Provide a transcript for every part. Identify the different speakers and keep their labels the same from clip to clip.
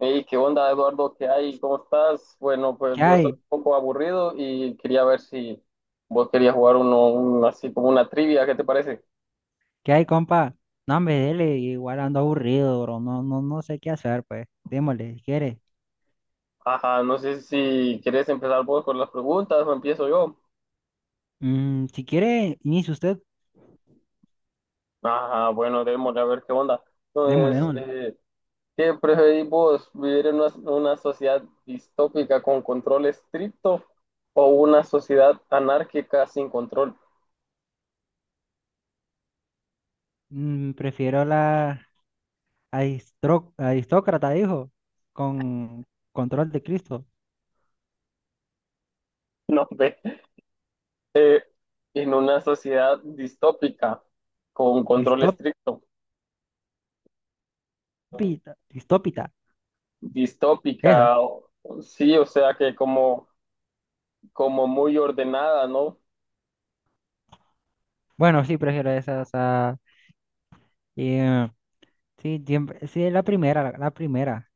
Speaker 1: Hey, ¿qué onda, Eduardo? ¿Qué hay? ¿Cómo estás? Bueno, pues
Speaker 2: ¿Qué
Speaker 1: yo
Speaker 2: hay?
Speaker 1: estoy un poco aburrido y quería ver si vos querías jugar así como una trivia, ¿qué te parece?
Speaker 2: ¿Qué hay, compa? No, hombre, dele, igual ando aburrido, bro. No, no, no sé qué hacer, pues. Démosle, si quiere.
Speaker 1: Ajá, no sé si querés empezar vos con las preguntas o empiezo yo.
Speaker 2: Si quiere, inicie usted.
Speaker 1: Ajá, bueno, démosle a ver qué onda.
Speaker 2: Démosle,
Speaker 1: Entonces,
Speaker 2: démosle.
Speaker 1: ¿qué preferís vos? ¿Vivir en una sociedad distópica con control estricto o una sociedad anárquica sin control?
Speaker 2: Prefiero la aristócrata, dijo, con control de Cristo.
Speaker 1: No, ve, en una sociedad distópica con control
Speaker 2: Distópita,
Speaker 1: estricto.
Speaker 2: distópita, esa.
Speaker 1: distópica, o- sí, o sea que como, como muy ordenada, ¿no?
Speaker 2: Bueno, sí, prefiero esa, o sea, eh, sí, siempre, sí, la primera, la primera.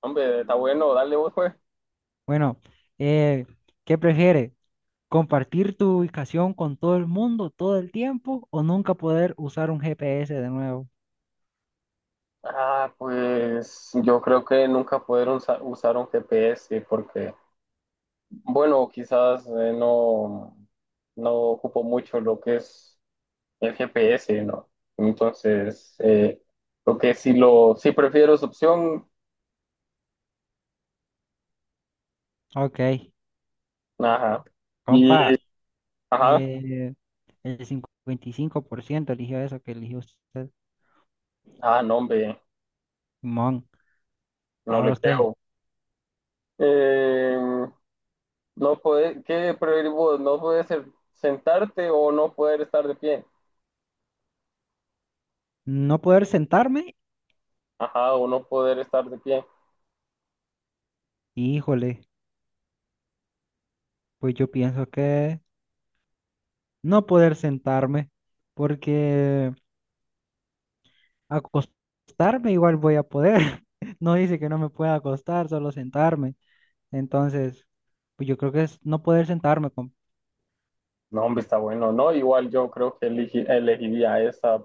Speaker 1: Hombre, está bueno, dale vos, pues.
Speaker 2: Bueno, eh, ¿qué prefiere? Compartir tu ubicación con todo el mundo todo el tiempo o nunca poder usar un GPS de nuevo.
Speaker 1: Ah, pues yo creo que nunca usar un GPS porque, bueno, quizás no, no ocupo mucho lo que es el GPS, ¿no? Entonces, lo que sí lo, sí prefiero esa opción,
Speaker 2: Ok,
Speaker 1: ajá. Y,
Speaker 2: compa,
Speaker 1: ajá,
Speaker 2: eh, el 55% eligió eso que eligió usted,
Speaker 1: ah, no, hombre,
Speaker 2: Simón.
Speaker 1: no le
Speaker 2: Ahora usted,
Speaker 1: creo. Eh, no puede, ¿qué preferís vos? No poder ser- sentarte o no poder estar de pie.
Speaker 2: no poder sentarme,
Speaker 1: Ajá, o no poder estar de pie.
Speaker 2: híjole, pues yo pienso que no poder sentarme, porque acostarme igual voy a poder. No dice que no me pueda acostar, solo sentarme. Entonces, pues yo creo que es no poder sentarme, compa.
Speaker 1: No, hombre, está bueno, ¿no? Igual yo creo que elegiría esa,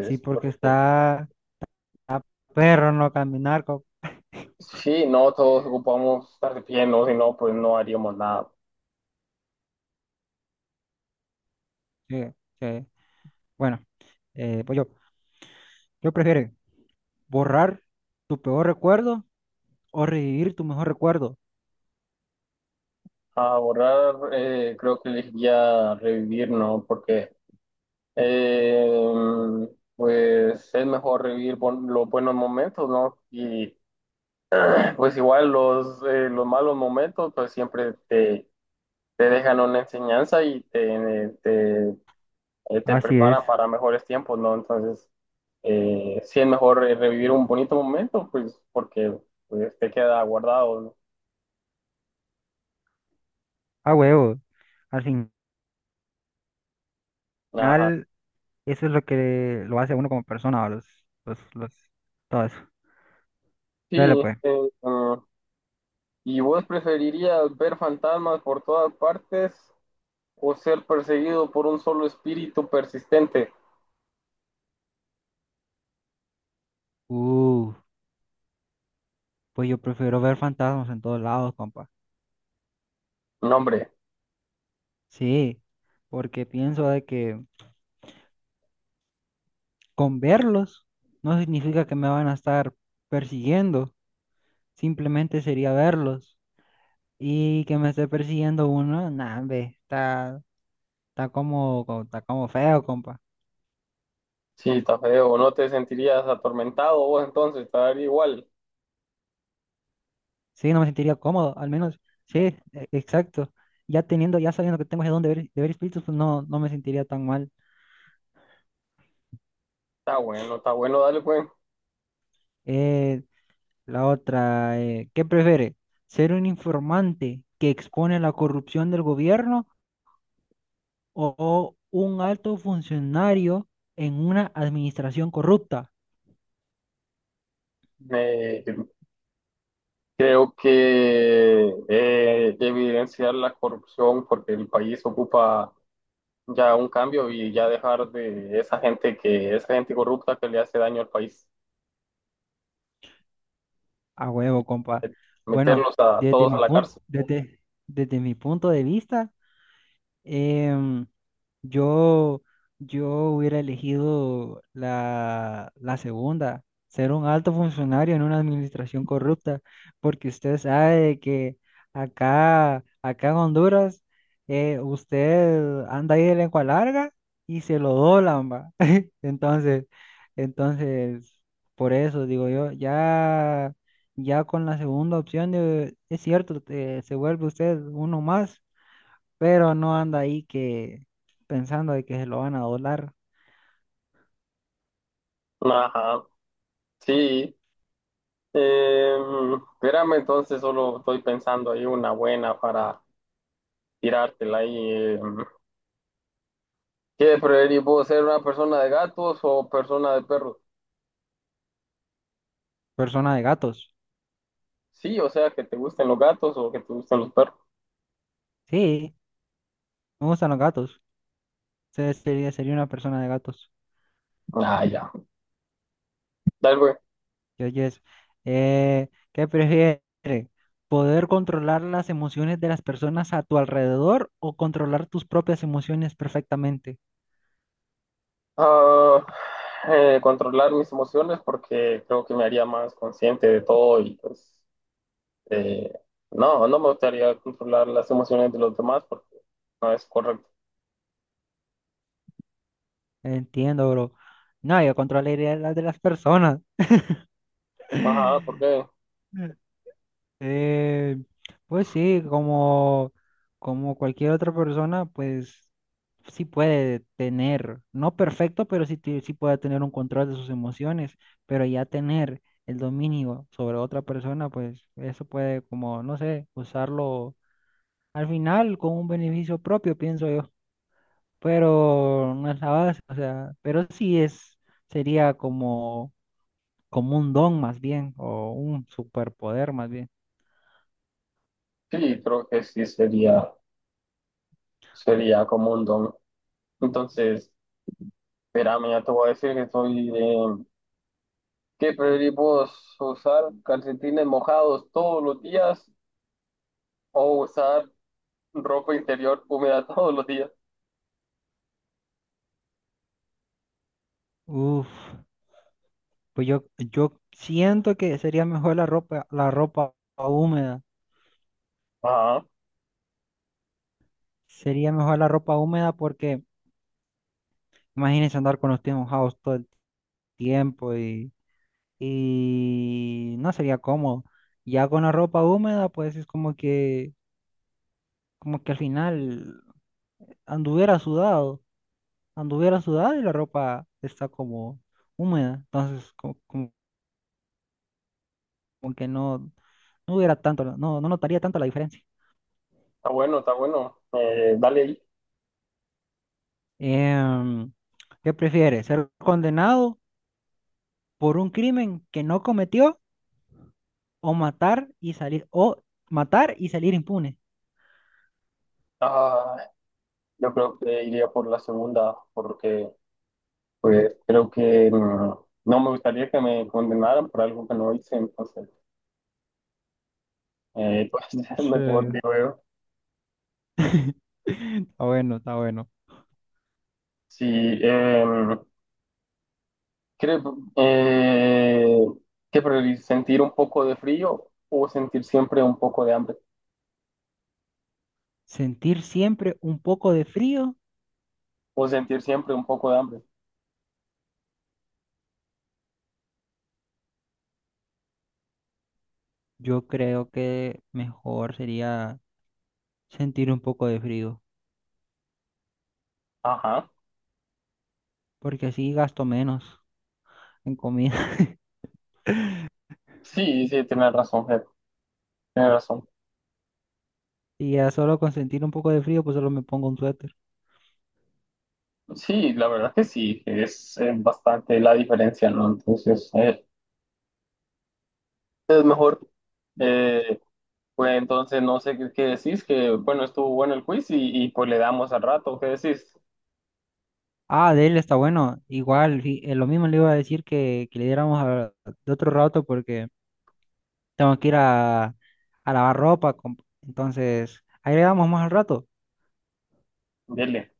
Speaker 2: Sí, porque
Speaker 1: porque
Speaker 2: está perro no caminar.
Speaker 1: sí, no, todos ocupamos estar de pie, ¿no? Si no, pues no haríamos nada.
Speaker 2: Sí, sí. Bueno, pues yo prefiero borrar tu peor recuerdo o revivir tu mejor recuerdo.
Speaker 1: A borrar, creo que elegiría revivir, ¿no? Porque, eh, pues, es mejor revivir los buenos momentos, ¿no? Y pues igual los malos momentos pues siempre te dejan una enseñanza y te
Speaker 2: Así es,
Speaker 1: preparan para mejores tiempos, ¿no? Entonces, sí es mejor revivir un bonito momento, pues porque pues, te queda guardado,
Speaker 2: a huevo. Al
Speaker 1: ¿no? Ajá.
Speaker 2: final, eso es lo que lo hace a uno como persona, ¿va? Los, los, Todo eso. Dale,
Speaker 1: Sí,
Speaker 2: pues.
Speaker 1: ¿y vos preferirías ver fantasmas por todas partes o ser perseguido por un solo espíritu persistente?
Speaker 2: Uh, pues yo prefiero ver fantasmas en todos lados, compa.
Speaker 1: No, hombre,
Speaker 2: Sí, porque pienso de que con verlos no significa que me van a estar persiguiendo. Simplemente sería verlos. Y que me esté persiguiendo uno, nah, hombre, está como feo, compa.
Speaker 1: sí, está feo, no te sentirías atormentado vos entonces, te daría igual.
Speaker 2: Sí, no me sentiría cómodo, al menos. Sí, exacto. Ya sabiendo que tengo de dónde ver, de ver espíritus, pues no, no me sentiría tan mal.
Speaker 1: Está bueno, dale pues.
Speaker 2: Eh, la otra, ¿qué prefiere? ¿Ser un informante que expone la corrupción del gobierno o un alto funcionario en una administración corrupta?
Speaker 1: Eh, creo que evidenciar la corrupción porque el país ocupa ya un cambio y ya dejar de esa gente que, esa gente corrupta que le hace daño al país.
Speaker 2: A huevo, compa.
Speaker 1: Eh,
Speaker 2: Bueno,
Speaker 1: meterlos a
Speaker 2: desde
Speaker 1: todos a
Speaker 2: mi
Speaker 1: la cárcel.
Speaker 2: punto, desde, desde mi punto de vista, em, yo, yo hubiera elegido la segunda, ser un alto funcionario en una administración corrupta, porque usted sabe que acá, acá en Honduras, usted anda ahí de lengua larga y se lo doblan, va. Entonces, entonces, por eso digo yo, ya, ya con la segunda opción, es cierto, se vuelve usted uno más pero no anda ahí que pensando de que se lo van a doblar.
Speaker 1: Ajá, sí. Eh, espérame, entonces solo estoy pensando ahí una buena para tirártela ahí. ¿Qué preferís vos, ser una persona de gatos o persona de perros?
Speaker 2: Persona de gatos.
Speaker 1: Sí, o sea, que te gusten los gatos o que te gusten los perros.
Speaker 2: Sí, me gustan los gatos. Sería una persona de gatos.
Speaker 1: Ah, ya. Dale, güey.
Speaker 2: Yo, yes. ¿Qué prefiere? ¿Poder controlar las emociones de las personas a tu alrededor o controlar tus propias emociones perfectamente?
Speaker 1: Ah, controlar mis emociones porque creo que me haría más consciente de todo y pues eh, no, no me gustaría controlar las emociones de los demás porque no es correcto.
Speaker 2: Entiendo, bro. No, yo controlaría las de las personas.
Speaker 1: Ajá, porque
Speaker 2: Eh, pues sí, como cualquier otra persona, pues sí puede tener, no perfecto, pero sí, sí puede tener un control de sus emociones, pero ya tener el dominio sobre otra persona, pues eso puede como, no sé, usarlo al final con un beneficio propio, pienso yo, pero no es la base, o sea, pero sí es, sería como un don más bien, o un superpoder más bien.
Speaker 1: sí, creo que sí sería como un don. Entonces, espérame, ya te voy a decir que soy de... ¿Qué preferís vos? ¿Usar calcetines mojados todos los días o usar ropa interior húmeda todos los días?
Speaker 2: Uf, pues yo siento que sería mejor la ropa, húmeda.
Speaker 1: Ajá,
Speaker 2: Sería mejor la ropa húmeda porque imagínense andar con los pies mojados todo el tiempo y no sería cómodo. Ya con la ropa húmeda, pues es como que al final anduviera sudado, anduviera sudado y la ropa está como húmeda. Entonces, como que no, no hubiera tanto, no, no notaría tanto la diferencia.
Speaker 1: está bueno, está bueno. Dale ahí.
Speaker 2: Em, ¿Qué prefieres? ¿Ser condenado por un crimen que no cometió o matar y salir impune?
Speaker 1: Ah, yo creo que iría por la segunda, porque
Speaker 2: Mm,
Speaker 1: pues creo que no me gustaría que me condenaran por algo que no hice, entonces pues es
Speaker 2: sí,
Speaker 1: mejor, digo yo.
Speaker 2: está bueno, está bueno.
Speaker 1: Sí, em, creo que priorizar sentir un poco de frío o sentir siempre un poco de hambre,
Speaker 2: ¿Sentir siempre un poco de frío?
Speaker 1: o sentir siempre un poco de hambre.
Speaker 2: Yo creo que mejor sería sentir un poco de frío,
Speaker 1: Ajá,
Speaker 2: porque así gasto menos en comida.
Speaker 1: sí, sí, tienes razón, Ger, tienes razón.
Speaker 2: Y ya solo con sentir un poco de frío, pues solo me pongo un suéter.
Speaker 1: Sí, la verdad que sí, es, bastante la diferencia, ¿no? Entonces, es mejor. Eh, pues entonces, no sé qué decís, que bueno, estuvo bueno el quiz y pues le damos al rato, ¿qué decís?
Speaker 2: Ah, de él está bueno. Igual, lo mismo le iba a decir que, le diéramos de otro rato porque. Tengo que ir a lavar ropa. Entonces, ahí le damos más al rato.
Speaker 1: Dile.